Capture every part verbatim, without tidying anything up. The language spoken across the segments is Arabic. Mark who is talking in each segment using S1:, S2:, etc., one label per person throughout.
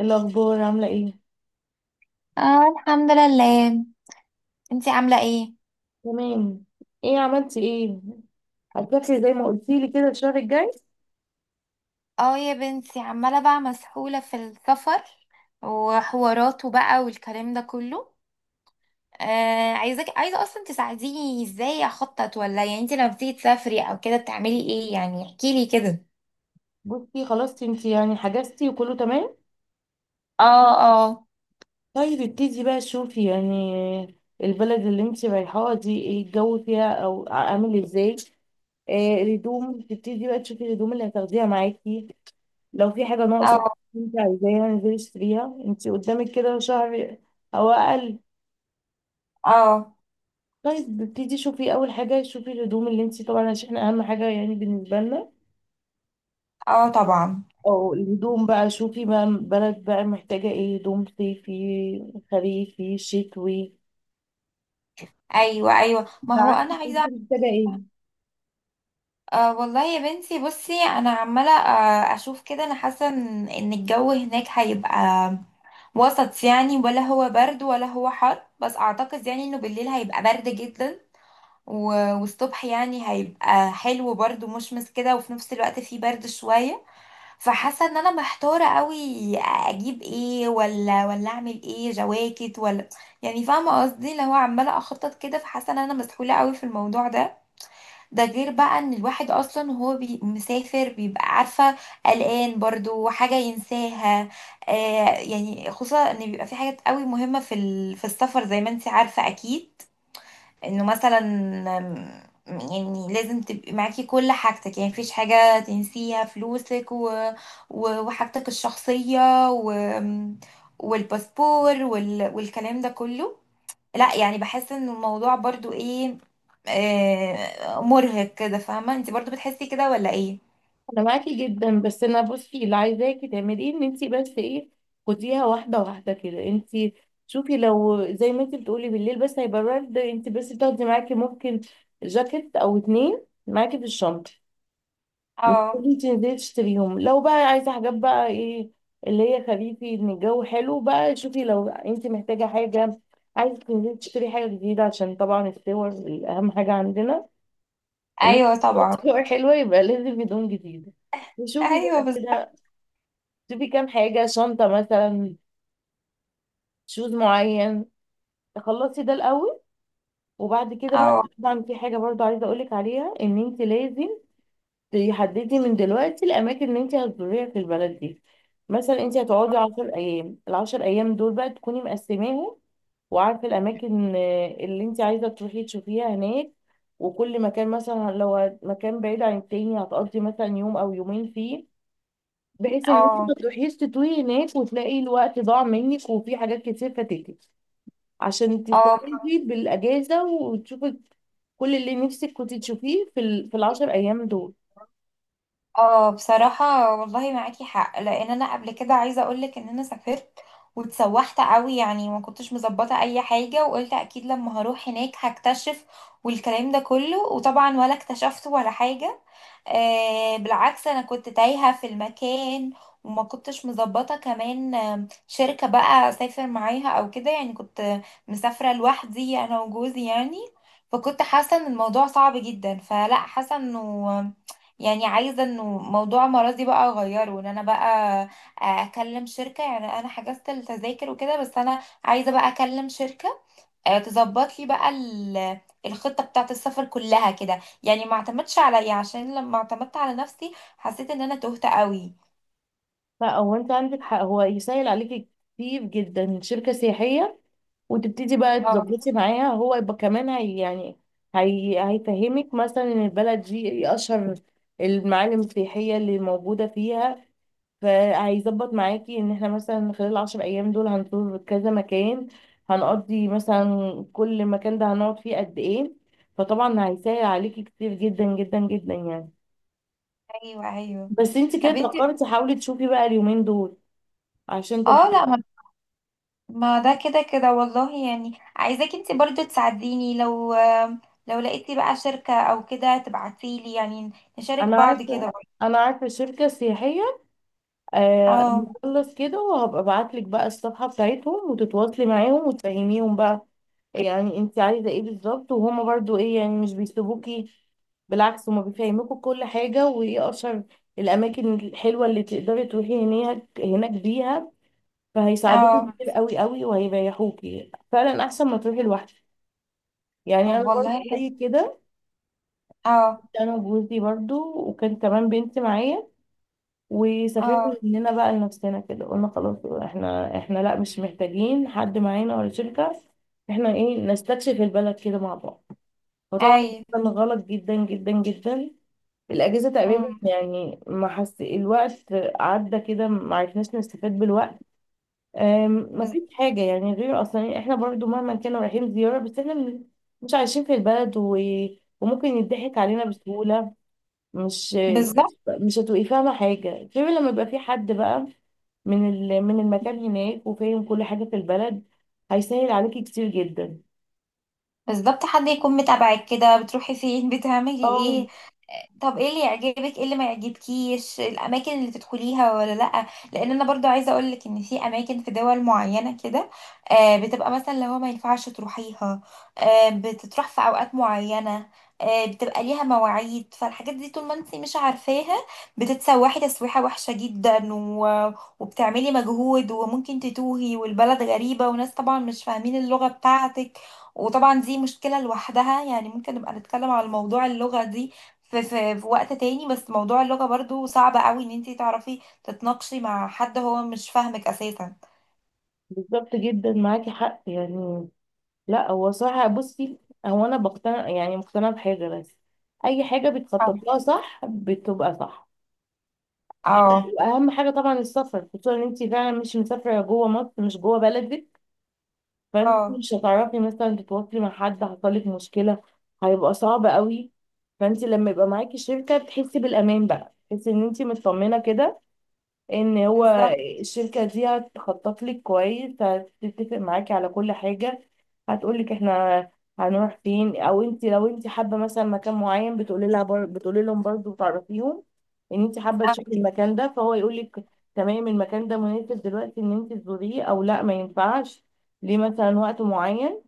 S1: الأخبار عاملة ايه؟
S2: اه، الحمد لله. انتي عاملة ايه؟
S1: تمام. ايه عملتي ايه؟ هتسافري زي ما قلتيلي كده الشهر الجاي؟
S2: اه يا بنتي، عمالة بقى مسحولة في السفر وحواراته بقى والكلام ده كله. آه عايزك عايزة اصلا تساعديني ازاي اخطط، ولا يعني انتي لما بتيجي تسافري او كده بتعملي ايه، يعني احكيلي كده.
S1: بصي، خلاص انتي يعني حجزتي وكله تمام؟
S2: اه، اه،
S1: طيب، ابتدي بقى شوفي يعني البلد اللي انتي رايحاها دي ايه الجو فيها او عامل ازاي؟ آه، الهدوم تبتدي بقى تشوفي الهدوم اللي هتاخديها معاكي. لو في حاجة ناقصة
S2: اه،
S1: انتي عايزاها انزلي اشتريها، انتي قدامك كده شهر او اقل.
S2: اه،
S1: طيب ابتدي شوفي اول حاجة، شوفي الهدوم اللي انتي طبعا عشان اهم حاجة يعني بالنسبة لنا.
S2: اه، طبعا.
S1: او الهدوم بقى شوفي بقى البلد بقى محتاجة ايه، هدوم صيفي خريفي شتوي.
S2: ايوه، ايوه، ما
S1: انت
S2: هو انا
S1: عندك، انت
S2: عايزة.
S1: محتاجه ايه.
S2: آه والله يا بنتي، بصي، انا عمالة آه اشوف كده، انا حاسة ان إن الجو هناك هيبقى وسط، يعني ولا هو برد ولا هو حر، بس اعتقد يعني انه بالليل هيبقى برد جدا، و- والصبح يعني هيبقى حلو برضه مشمس كده، وفي نفس الوقت فيه برد شوية. فحاسة ان انا محتارة قوي، اجيب ايه؟ ولا ولا اعمل ايه، جواكت ولا، يعني فاهمة قصدي، اللي هو عمالة اخطط كده، فحاسة ان انا مسحولة قوي في الموضوع ده. ده غير بقى ان الواحد اصلا وهو بي مسافر بيبقى عارفه قلقان برضو حاجه ينساها. آه. يعني خصوصا ان بيبقى في حاجات قوي مهمه في ال- في السفر، زي ما انت عارفه اكيد، انه مثلا آم، يعني لازم تبقي معاكي كل حاجتك، يعني مفيش حاجه تنسيها، فلوسك و و- وحاجتك الشخصيه و والباسبور وال والكلام ده كله. لا يعني بحس ان الموضوع برضو ايه، آه مرهق كده، فاهمة انت برضو بتحسي كده ولا ايه؟
S1: انا معاكي جدا، بس انا بصي اللي عايزاكي تعملي ايه ان انت بس ايه، خديها واحده واحده كده انت. شوفي لو زي ما انت بتقولي بالليل بس هيبقى برد، انت بس تاخدي معاكي ممكن جاكيت او اتنين معاكي في الشنطه. مش
S2: اه.
S1: تيجي تنزلي تشتريهم. لو بقى عايزة حاجات بقى ايه، اللي هي خريفي، ان الجو حلو بقى، شوفي لو انت محتاجة حاجة، عايزة تنزلي تشتري حاجة جديدة عشان طبعا الصور أهم حاجة عندنا. ان
S2: ايوه، طبعا.
S1: الصور حلوة يبقى لازم هدوم جديدة. وشوفي
S2: ايوه،
S1: بقى
S2: بالظبط.
S1: كده، شوفي كام حاجة، شنطة مثلا، شوز معين. تخلصي ده الأول، وبعد كده بقى
S2: اه،
S1: طبعا في حاجة برضو عايزة أقولك عليها، إن أنت لازم تحددي من دلوقتي الاماكن اللي انت هتزوريها في البلد دي. مثلا انت هتقعدي عشر ايام ايام، العشر ايام دول بقى تكوني مقسماهم وعارفه الاماكن آه، اللي انت عايزه تروحي تشوفيها هناك. وكل مكان مثلا لو هت- مكان بعيد عن التاني هتقضي مثلا يوم او يومين فيه، بحيث ان انت
S2: اه،
S1: ما تروحيش تتوهي هناك وتلاقي الوقت ضاع منك وفي حاجات كتير فاتتك. عشان
S2: اه،
S1: تستفيدي بالاجازه وتشوفي كل اللي نفسك كنت تشوفيه في ال... في العشر ايام دول.
S2: اه. بصراحة والله معاكي حق، لان انا قبل كده عايزة اقولك ان انا سافرت واتسوحت قوي، يعني ما كنتش مظبطة اي حاجة، وقلت اكيد لما هروح هناك هكتشف والكلام ده كله، وطبعا ولا اكتشفت ولا حاجة. آه بالعكس، انا كنت تايهة في المكان، وما كنتش مظبطة كمان آم، شركة بقى اسافر معاها او كده، يعني كنت مسافرة لوحدي انا وجوزي يعني. فكنت حاسة ان الموضوع صعب جدا، فلا حاسة انه، يعني عايزه انه موضوع مرضي بقى اغيره، وان انا بقى اكلم شركه، يعني انا حجزت التذاكر وكده، بس انا عايزه بقى اكلم شركه آه، تظبط لي بقى ال- الخطه بتاعه السفر كلها كده، يعني ما اعتمدش عليا، عشان لما اعتمدت على نفسي حسيت ان انا تهت قوي.
S1: لا، هو انت عندك حق، هو يسهل عليكي كتير جدا شركة سياحية. وتبتدي بقى
S2: اه،
S1: تظبطي معاها، هو يبقى كمان هي يعني، هي هيفهمك مثلا ان البلد دي ايه اشهر المعالم السياحية اللي موجودة فيها. فهيظبط معاكي ان احنا مثلا خلال العشر ايام دول هنزور كذا مكان، هنقضي مثلا كل مكان ده هنقعد فيه قد ايه. فطبعا هيسهل عليكي كتير جدا جدا جدا يعني.
S2: ايوه، ايوه.
S1: بس انت كده
S2: طب انت.
S1: اتأخرتي، حاولي تشوفي بقى اليومين دول عشان
S2: اه،
S1: تلحقي.
S2: لا، ما ما ده كده كده والله، يعني عايزاك انت برضو تساعديني، لو لو لقيتي بقى شركه او كده تبعتيلي، يعني نشارك
S1: انا
S2: بعض
S1: عارفه،
S2: كده.
S1: انا عارفه شركه سياحيه. آه،
S2: اه،
S1: نخلص كده وهبقى ابعت لك بقى الصفحه بتاعتهم وتتواصلي معاهم وتفهميهم بقى يعني انت عايزه ايه بالظبط. وهما برضو ايه، يعني مش بيسيبوكي، بالعكس هما بيفهموكوا كل حاجه وايه اشهر الاماكن الحلوه اللي تقدري تروحي هناك هناك بيها. فهيساعدوكي
S2: اه.
S1: كتير قوي قوي وهيريحوكي فعلا احسن ما تروحي لوحدك. يعني انا
S2: طب
S1: برضو
S2: والله حلو.
S1: زي كده،
S2: اه،
S1: انا وجوزي برضو وكان كمان بنتي معايا، وسافرنا
S2: اه،
S1: مننا بقى لنفسنا كده. قلنا خلاص احنا احنا لا مش محتاجين حد معانا ولا شركة، احنا ايه نستكشف البلد كده مع بعض. فطبعا ده
S2: ايوه،
S1: كان غلط جدا جدا جدا. الأجازة تقريبا
S2: امم.
S1: يعني ما حس الوقت عدى كده، ما عرفناش نستفاد بالوقت. أم، ما
S2: بز-
S1: فيش حاجة يعني غير أصلا إيه، احنا برضو مهما كنا رايحين زيارة بس احنا من- مش عايشين في البلد و... وممكن يضحك علينا بسهولة. مش
S2: بالظبط.
S1: مش هتبقي فاهمة حاجة غير لما يبقى في حد بقى من ال- من المكان هناك وفاهم كل حاجة في البلد، هيسهل عليكي كتير جدا.
S2: بالظبط، حد يكون متابعك كده، بتروحي فين، بتعملي
S1: اه
S2: ايه. طب ايه اللي يعجبك، ايه اللي ما يعجبكيش، الاماكن اللي تدخليها ولا لا، لان انا برضو عايزه اقول لك ان في اماكن في دول معينه كده، آه، بتبقى مثلا لو ما ينفعش تروحيها، آه، بتتروح في اوقات معينه، آه، بتبقى ليها مواعيد. فالحاجات دي طول ما انت مش عارفاها بتتسوحي تسويحه وحشه جدا، و... وبتعملي مجهود، وممكن تتوهي، والبلد غريبه، وناس طبعا مش فاهمين اللغه بتاعتك، وطبعا دي مشكله لوحدها. يعني ممكن نبقى نتكلم على موضوع اللغه دي في, في, في وقت تاني، بس موضوع اللغة برضو صعب قوي ان انتي تعرفي تتناقشي مع حد هو مش فاهمك اساسا.
S1: بالظبط، جدا معاكي حق يعني. لا هو صراحة بصي، هو انا بقتنع يعني مقتنعة بحاجة بس، اي حاجة بتخطط
S2: اه،
S1: لها صح بتبقى صح.
S2: اه،
S1: واهم حاجة طبعا السفر، خصوصا ان انت فعلا مش مسافرة جوه مصر، مش جوه بلدك. فانت
S2: اه،
S1: مش هتعرفي مثلا تتواصلي مع حد حصلك مشكلة، هيبقى صعب قوي. فانت لما يبقى معاكي شركة تحسي بالامان بقى، تحسي ان انت مطمنة كده ان هو
S2: بالظبط.
S1: الشركة دي هتخطط لك كويس، هتتفق معاكي على كل حاجة. هتقولك احنا هنروح فين، او انت لو انت حابة مثلا مكان معين بتقولي لها بر... بتقولي لهم برضه، تعرفيهم ان انت حابة تشوفي المكان ده، فهو يقولك تمام المكان ده مناسب دلوقتي ان انت تزوريه او لا ما ينفعش ليه مثلا وقت معين.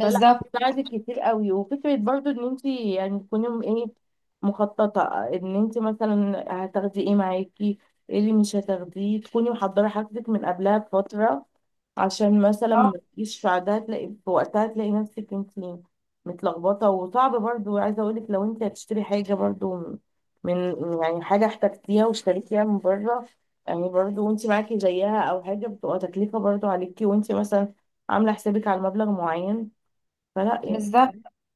S1: فلا بتساعدك كتير قوي. وفكرة برضو ان انت يعني تكوني م- ايه، مخططة، ان انت مثلا هتاخدي ايه معاكي، ايه اللي مش هتاخديه، تكوني محضرة حاجتك من قبلها بفترة، عشان مثلا
S2: اه،
S1: ما تجيش في عادها تلاقي في وقتها تلاقي نفسك انت متلخبطة. وصعب برضو، عايزة اقولك لو انت هتشتري حاجة برضو من يعني حاجة احتجتيها واشتريتيها من بره، يعني برضو وانت معاكي زيها او حاجة بتبقى تكلفة برضو عليكي وانت مثلا عاملة حسابك على مبلغ معين، فلا يعني.
S2: بالظبط.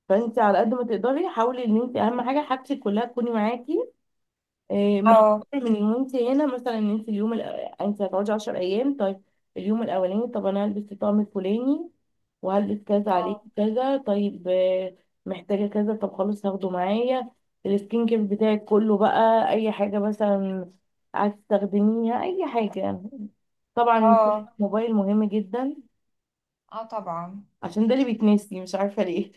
S1: فانت على قد ما تقدري حاولي ان انت اهم حاجه حاجتك كلها تكوني معاكي، إيه، محفوظه
S2: اه،
S1: من وانت هنا. مثلا ان انت اليوم الأ... انت هتقعدي عشرة أيام ايام. طيب اليوم الاولاني طب انا هلبس الطقم الفلاني وهلبس كذا عليه
S2: اه،
S1: كذا. طيب آه، محتاجه كذا، طب خلاص هاخده معايا. السكين كير بتاعك كله بقى، اي حاجه مثلا عايز تستخدميها، اي حاجه يعني. طبعا
S2: اه،
S1: الموبايل مهم جدا
S2: اه، طبعا.
S1: عشان ده اللي بيتنسي، مش عارفه ليه.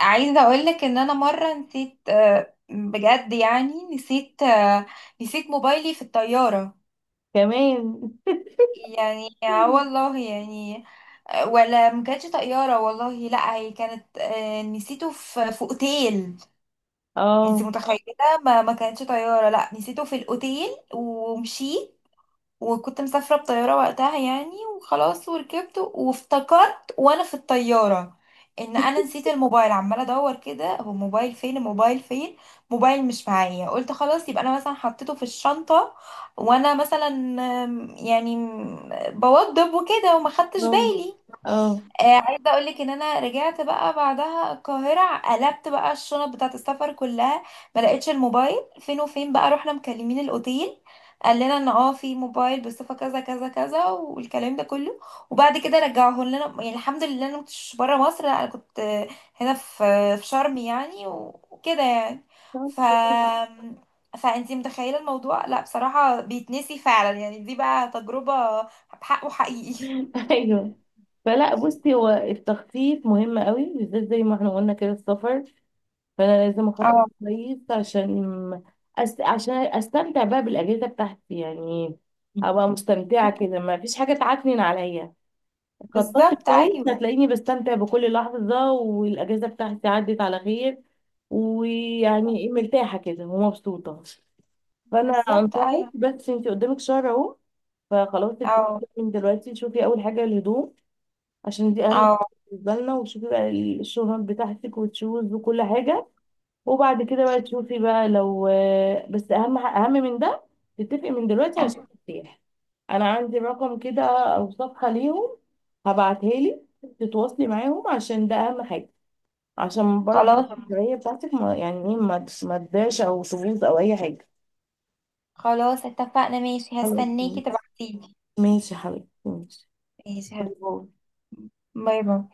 S2: عايزة اقولك ان انا مرة نسيت، آه، بجد يعني نسيت، آه، نسيت موبايلي في الطيارة،
S1: كمان
S2: يعني اه والله يعني. آه، ولا ما كانتش طيارة والله، لا هي كانت، آه، نسيته في في اوتيل.
S1: اه،
S2: انت متخيله؟ ما ما كانتش طياره، لا، نسيته في الاوتيل ومشيت، وكنت مسافره بطياره وقتها يعني، وخلاص وركبت وافتكرت وانا في الطياره ان انا نسيت الموبايل، عماله ادور كده، هو الموبايل فين، الموبايل فين، موبايل مش معايا. قلت خلاص يبقى انا مثلا حطيته في الشنطه، وانا مثلا آم، يعني آم، بوضب وكده وما خدتش
S1: اه،
S2: بالي.
S1: اه،
S2: آه، عايزه اقول لك ان انا رجعت بقى بعدها القاهره، قلبت بقى الشنط بتاعه السفر كلها، ما لقيتش الموبايل فين وفين، بقى رحنا مكلمين الاوتيل، قال لنا ان اه في موبايل بصفه كذا كذا كذا والكلام ده كله، وبعد كده رجعوه لنا يعني. الحمد لله انا ما كنتش بره مصر، لا انا كنت آه، هنا، في في شرم يعني، و- وكده يعني.
S1: طب
S2: ف
S1: كويس.
S2: فانتي متخيله الموضوع؟ لا بصراحه بيتنسي فعلا، يعني دي بقى تجربه بحقه حقيقي.
S1: ايوه. فلا بصي، هو التخطيط مهم قوي بالذات زي ما احنا قلنا كده السفر، فانا لازم اخطط
S2: اه،
S1: كويس عشان أس... عشان استمتع بقى بالاجازه بتاعتي يعني. ابقى مستمتعه كده، ما فيش حاجه تعكنن عليا. خططت
S2: بالظبط،
S1: كويس
S2: ايوه.
S1: هتلاقيني بستمتع بكل لحظه، والاجازه بتاعتي عدت على خير، ويعني مرتاحه كده ومبسوطه. فانا
S2: بالظبط،
S1: انصحك،
S2: ايوه.
S1: بس انت قدامك شهر اهو، فخلاص تبتدي
S2: اه،
S1: من دلوقتي، شوفي اول حاجه الهدوم، عشان دي اهم حاجه
S2: اه،
S1: بالنسبه لنا. وتشوفي بقى الشنط بتاعتك وتشوز وكل حاجه. وبعد كده بقى تشوفي بقى لو، بس اهم ح- اهم من ده، تتفقي من دلوقتي عشان ترتاح. انا عندي رقم كده او صفحه ليهم، هبعتها لك، تتواصلي معاهم، عشان ده اهم حاجه، عشان برضه
S2: خلاص.
S1: الرفاهية بتاعتك ما يعني ايه ما ما تضيعش او تبوظ او اي حاجه.
S2: خلاص اتفقنا ماشي،
S1: خلاص
S2: هستنيكي
S1: ماشي.
S2: تبعتيلي.
S1: ماشي يا حبيبتي ماشي.
S2: ماشي، هست-
S1: باي باي.
S2: باي باي.